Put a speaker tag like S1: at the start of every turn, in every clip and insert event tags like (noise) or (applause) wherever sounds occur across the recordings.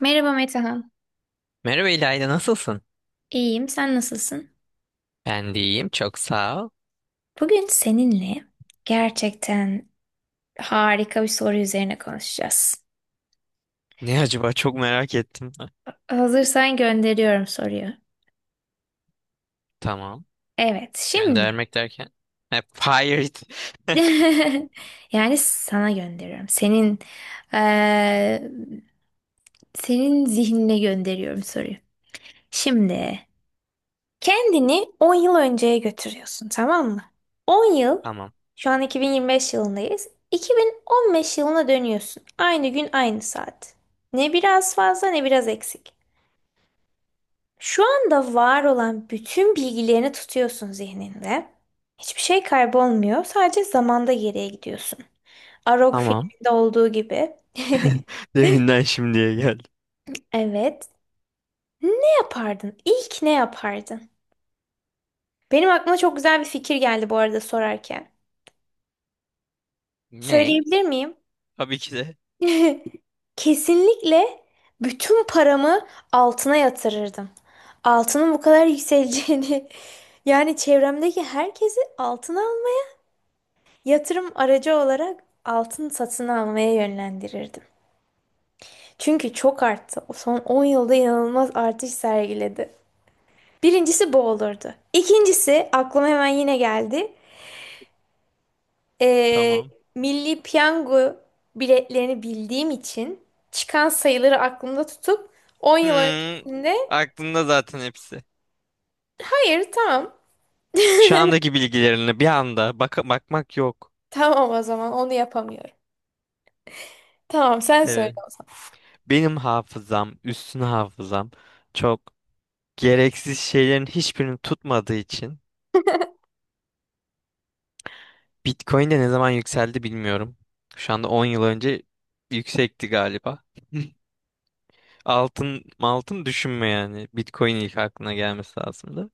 S1: Merhaba Metehan.
S2: Merhaba İlayda, nasılsın?
S1: İyiyim, sen nasılsın?
S2: Ben de iyiyim, çok sağ ol.
S1: Bugün seninle gerçekten harika bir soru üzerine konuşacağız.
S2: Ne acaba, çok merak ettim. Ha.
S1: Hazırsan gönderiyorum soruyu.
S2: Tamam.
S1: Evet, şimdi.
S2: Göndermek derken? Ha, fired. (laughs)
S1: (laughs) Yani sana gönderiyorum. Senin eee, senin zihnine gönderiyorum soruyu. Şimdi kendini 10 yıl önceye götürüyorsun, tamam mı? 10 yıl,
S2: Tamam.
S1: şu an 2025 yılındayız. 2015 yılına dönüyorsun. Aynı gün aynı saat. Ne biraz fazla ne biraz eksik. Şu anda var olan bütün bilgilerini tutuyorsun zihninde. Hiçbir şey kaybolmuyor. Sadece zamanda geriye gidiyorsun. Arog
S2: Tamam.
S1: filminde olduğu gibi. (laughs)
S2: (laughs) Deminden şimdiye geldi.
S1: Evet. Ne yapardın? İlk ne yapardın? Benim aklıma çok güzel bir fikir geldi bu arada sorarken.
S2: Ne?
S1: Söyleyebilir miyim?
S2: Tabii ki de.
S1: (laughs) Kesinlikle bütün paramı altına yatırırdım. Altının bu kadar yükseleceğini (laughs) yani çevremdeki herkesi altına al, yatırım aracı olarak altın satın almaya yönlendirirdim. Çünkü çok arttı. O son 10 yılda inanılmaz artış sergiledi. Birincisi bu olurdu. İkincisi aklıma hemen yine geldi. Ee,
S2: Tamam.
S1: Milli Piyango biletlerini bildiğim için çıkan sayıları aklımda tutup 10 yıl
S2: Hmm,
S1: öncesinde
S2: aklımda zaten hepsi.
S1: hayır tamam,
S2: Şu andaki bilgilerine bir anda bakmak yok.
S1: tamam o zaman onu yapamıyorum. Tamam sen söyle
S2: Evet.
S1: o zaman.
S2: Benim hafızam, üstün hafızam çok gereksiz şeylerin hiçbirini tutmadığı için Bitcoin de ne zaman yükseldi bilmiyorum. Şu anda 10 yıl önce yüksekti galiba. (laughs) Altın, altın düşünme yani. Bitcoin ilk aklına gelmesi lazımdı.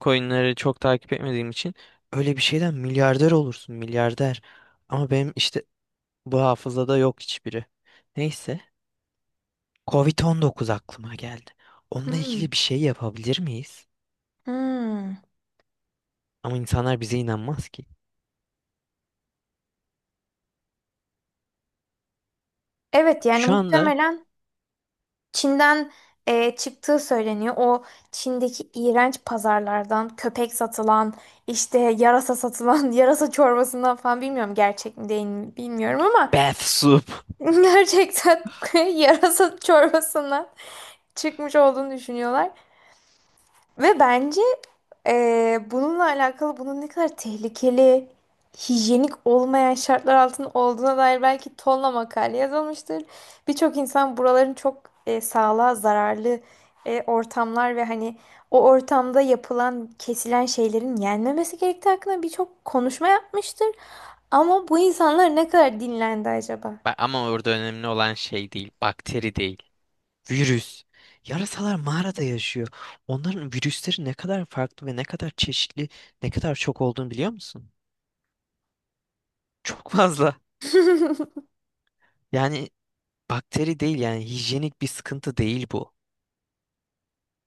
S2: Coinleri çok takip etmediğim için öyle bir şeyden milyarder olursun, milyarder. Ama benim işte bu hafızada yok hiçbiri. Neyse, covid dokuz aklıma geldi. Onunla
S1: Hmm,
S2: ilgili bir şey yapabilir miyiz?
S1: hmm.
S2: Ama insanlar bize inanmaz ki.
S1: Evet yani
S2: Şu anda
S1: muhtemelen Çin'den çıktığı söyleniyor. O Çin'deki iğrenç pazarlardan köpek satılan, işte yarasa satılan (laughs) yarasa çorbasından falan, bilmiyorum gerçek mi değil mi bilmiyorum ama
S2: bath soup.
S1: (laughs) gerçekten (laughs) yarasa çorbasından çıkmış olduğunu düşünüyorlar. Ve bence bununla alakalı bunun ne kadar tehlikeli, hijyenik olmayan şartlar altında olduğuna dair belki tonla makale yazılmıştır. Birçok insan buraların çok sağlığa zararlı ortamlar ve hani o ortamda yapılan, kesilen şeylerin yenmemesi gerektiği hakkında birçok konuşma yapmıştır. Ama bu insanlar ne kadar dinlendi acaba?
S2: Ama orada önemli olan şey değil, bakteri değil. Virüs. Yarasalar mağarada yaşıyor. Onların virüsleri ne kadar farklı ve ne kadar çeşitli, ne kadar çok olduğunu biliyor musun? Çok fazla.
S1: (laughs)
S2: Yani bakteri değil, yani hijyenik bir sıkıntı değil bu.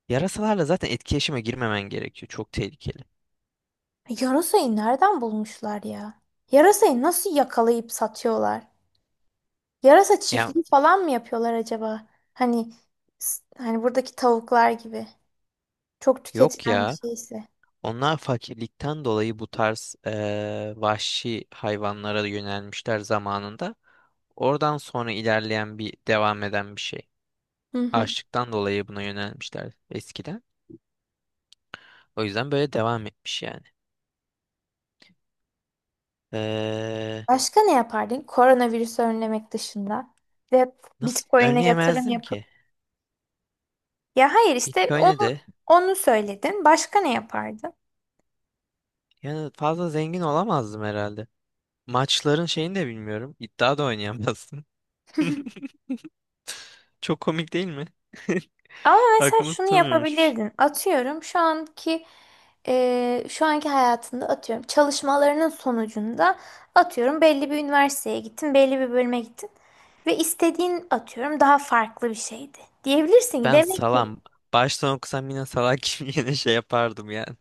S2: Yarasalarla zaten etkileşime girmemen gerekiyor. Çok tehlikeli.
S1: Yarasayı nereden bulmuşlar ya? Yarasayı nasıl yakalayıp satıyorlar? Yarasa
S2: Ya
S1: çiftliği falan mı yapıyorlar acaba? Hani hani buradaki tavuklar gibi. Çok
S2: yok
S1: tüketilen bir
S2: ya.
S1: şeyse.
S2: Onlar fakirlikten dolayı bu tarz vahşi hayvanlara yönelmişler zamanında. Oradan sonra ilerleyen bir devam eden bir şey.
S1: Hı hı.
S2: Açlıktan dolayı buna yönelmişler eskiden. O yüzden böyle devam etmiş yani. Ee,
S1: Başka ne yapardın? Koronavirüsü önlemek dışında ve
S2: nasıl
S1: Bitcoin'e yatırım
S2: önleyemezdim
S1: yapıp.
S2: ki?
S1: Ya hayır işte
S2: Bitcoin'e
S1: onu,
S2: de
S1: onu söyledin. Başka ne yapardın?
S2: yani fazla zengin olamazdım herhalde. Maçların şeyini de bilmiyorum. İddia da oynayamazdım. (laughs) Çok komik değil mi? (laughs)
S1: Ama mesela
S2: Aklımı
S1: şunu
S2: tutamıyorum hiçbir şey.
S1: yapabilirdin. Atıyorum şu anki şu anki hayatında, atıyorum çalışmalarının sonucunda atıyorum belli bir üniversiteye gittin, belli bir bölüme gittin ve istediğin atıyorum daha farklı bir şeydi. Diyebilirsin ki
S2: Ben
S1: demek ki,
S2: salam. Baştan okusam yine salak gibi (laughs) yine şey yapardım yani.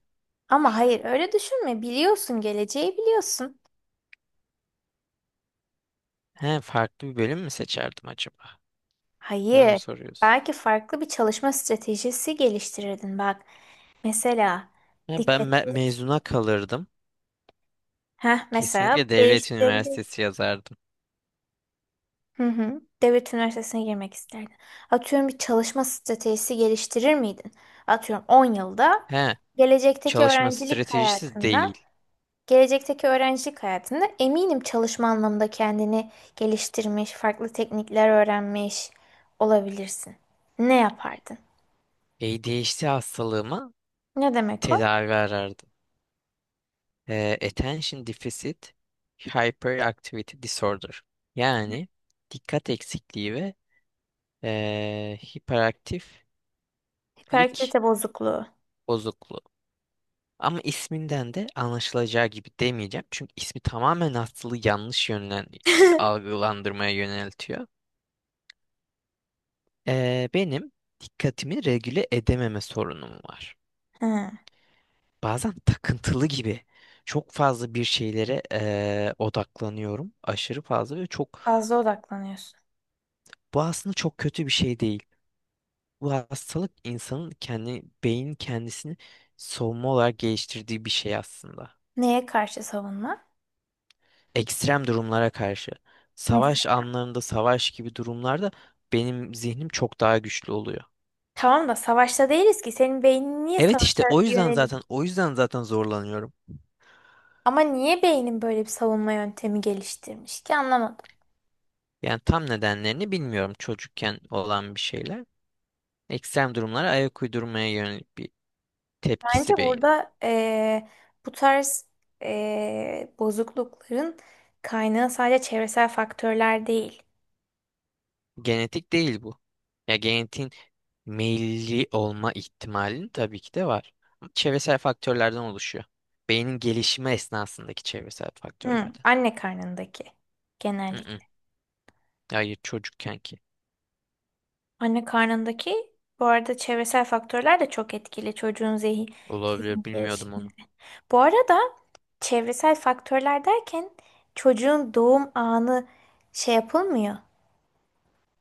S1: ama hayır öyle düşünme. Biliyorsun, geleceği biliyorsun.
S2: He, farklı bir bölüm mü seçerdim acaba? Onu mu
S1: Hayır.
S2: soruyorsun?
S1: Belki farklı bir çalışma stratejisi geliştirirdin bak. Mesela
S2: He, ben
S1: dikkatini
S2: mezuna kalırdım.
S1: heh, mesela
S2: Kesinlikle devlet
S1: değiştirebilir.
S2: üniversitesi yazardım.
S1: Hı hı. Devlet üniversitesine girmek isterdin. Atıyorum bir çalışma stratejisi geliştirir miydin? Atıyorum 10 yılda,
S2: He,
S1: gelecekteki
S2: çalışma
S1: öğrencilik
S2: stratejisi
S1: hayatında,
S2: değil.
S1: gelecekteki öğrencilik hayatında eminim çalışma anlamında kendini geliştirmiş, farklı teknikler öğrenmiş olabilirsin. Ne yapardın?
S2: ADHD hastalığıma
S1: Ne demek o?
S2: tedavi arardım. Attention Deficit Hyperactivity Disorder. Yani dikkat eksikliği ve hiperaktiflik
S1: Hiperaktivite bozukluğu.
S2: bozukluğu. Ama isminden de anlaşılacağı gibi demeyeceğim. Çünkü ismi tamamen hastalığı yanlış yönden
S1: (laughs)
S2: algılandırmaya yöneltiyor. Benim dikkatimi regüle edememe sorunum var.
S1: Hı,
S2: Bazen takıntılı gibi çok fazla bir şeylere odaklanıyorum. Aşırı fazla ve çok,
S1: fazla odaklanıyorsun.
S2: bu aslında çok kötü bir şey değil. Bu hastalık insanın kendi kendisini savunma olarak geliştirdiği bir şey aslında.
S1: Neye karşı savunma?
S2: Ekstrem durumlara karşı, savaş
S1: Mesela.
S2: anlarında, savaş gibi durumlarda benim zihnim çok daha güçlü oluyor.
S1: Tamam da savaşta değiliz ki. Senin beynin niye
S2: Evet işte
S1: savaşa
S2: o yüzden
S1: yönelik,
S2: zaten o yüzden zaten zorlanıyorum.
S1: ama niye beynin böyle bir savunma yöntemi geliştirmiş ki anlamadım.
S2: Yani tam nedenlerini bilmiyorum, çocukken olan bir şeyler, ekstrem durumlara ayak uydurmaya yönelik bir
S1: Bence
S2: tepkisi beynin.
S1: burada bu tarz bozuklukların kaynağı sadece çevresel faktörler değil.
S2: Genetik değil bu. Ya genetiğin meyilli olma ihtimalin tabii ki de var. Ama çevresel faktörlerden oluşuyor. Beynin gelişimi esnasındaki çevresel
S1: Hı,
S2: faktörlerden.
S1: anne karnındaki
S2: Mm-mm.
S1: genellikle.
S2: Hayır çocukken ki.
S1: Anne karnındaki, bu arada çevresel faktörler de çok etkili çocuğun zihin, zihin
S2: Olabilir, bilmiyordum
S1: gelişiminde.
S2: onu.
S1: Bu arada çevresel faktörler derken çocuğun doğum anı şey yapılmıyor.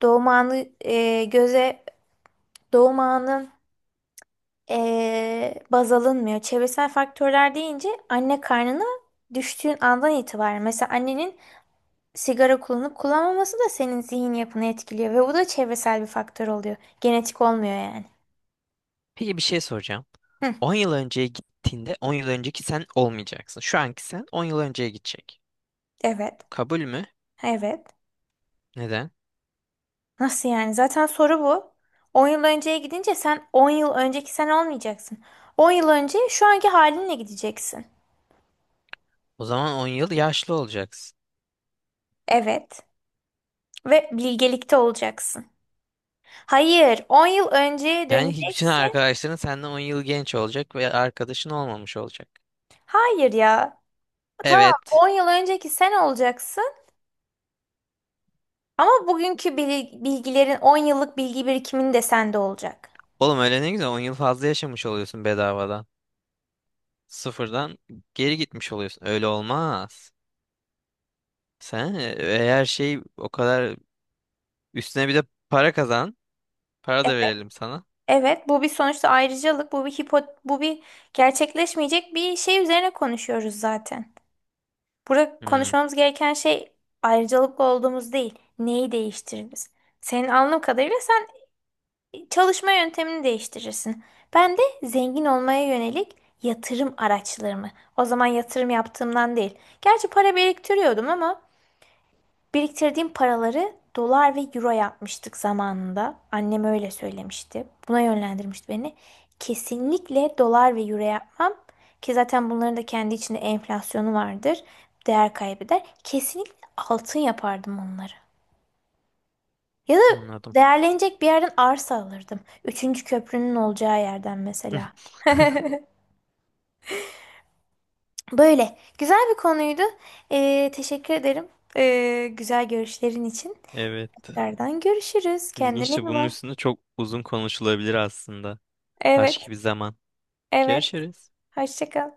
S1: Doğum anı göze, doğum anı baz alınmıyor. Çevresel faktörler deyince anne karnına düştüğün andan itibaren, mesela annenin sigara kullanıp kullanmaması da senin zihin yapını etkiliyor ve bu da çevresel bir faktör oluyor. Genetik olmuyor yani.
S2: Peki bir şey soracağım.
S1: Hı,
S2: 10 yıl önceye gittiğinde 10 yıl önceki sen olmayacaksın. Şu anki sen 10 yıl önceye gidecek.
S1: evet.
S2: Kabul mü?
S1: Evet.
S2: Neden?
S1: Nasıl yani? Zaten soru bu. On yıl önceye gidince sen 10 yıl önceki sen olmayacaksın. On yıl önce şu anki halinle gideceksin.
S2: O zaman on yıl yaşlı olacaksın.
S1: Evet. Ve bilgelikte olacaksın. Hayır, 10 yıl önceye
S2: Yani bütün
S1: döneceksin.
S2: arkadaşların senden 10 yıl genç olacak ve arkadaşın olmamış olacak.
S1: Hayır ya. Tamam,
S2: Evet.
S1: on yıl önceki sen olacaksın ama bugünkü bilgilerin, 10 yıllık bilgi birikimin de sende olacak.
S2: Oğlum öyle ne güzel, 10 yıl fazla yaşamış oluyorsun bedavadan. Sıfırdan geri gitmiş oluyorsun. Öyle olmaz. Sen eğer şey o kadar, üstüne bir de para kazan. Para da
S1: Evet,
S2: verelim sana.
S1: evet, bu bir sonuçta ayrıcalık, bu bir hipo, bu bir gerçekleşmeyecek bir şey üzerine konuşuyoruz zaten. Burada
S2: Hmm,
S1: konuşmamız gereken şey ayrıcalıklı olduğumuz değil, neyi değiştiririz. Senin anladığım kadarıyla sen çalışma yöntemini değiştirirsin. Ben de zengin olmaya yönelik yatırım araçlarımı. O zaman yatırım yaptığımdan değil. Gerçi para biriktiriyordum ama biriktirdiğim paraları dolar ve euro yapmıştık zamanında. Annem öyle söylemişti. Buna yönlendirmişti beni. Kesinlikle dolar ve euro yapmam. Ki zaten bunların da kendi içinde enflasyonu vardır. Değer kaybeder. Kesinlikle altın yapardım onları. Ya da
S2: anladım.
S1: değerlenecek bir yerden arsa alırdım. Üçüncü köprünün olacağı yerden mesela.
S2: (laughs)
S1: (laughs) Böyle. Güzel bir konuydu. Teşekkür ederim. Güzel görüşlerin için.
S2: Evet.
S1: Tekrardan görüşürüz. Kendine
S2: İlginç de,
S1: iyi
S2: bunun
S1: bak.
S2: üstünde çok uzun konuşulabilir aslında.
S1: Evet,
S2: Başka bir zaman.
S1: evet.
S2: Görüşürüz.
S1: Hoşça kal.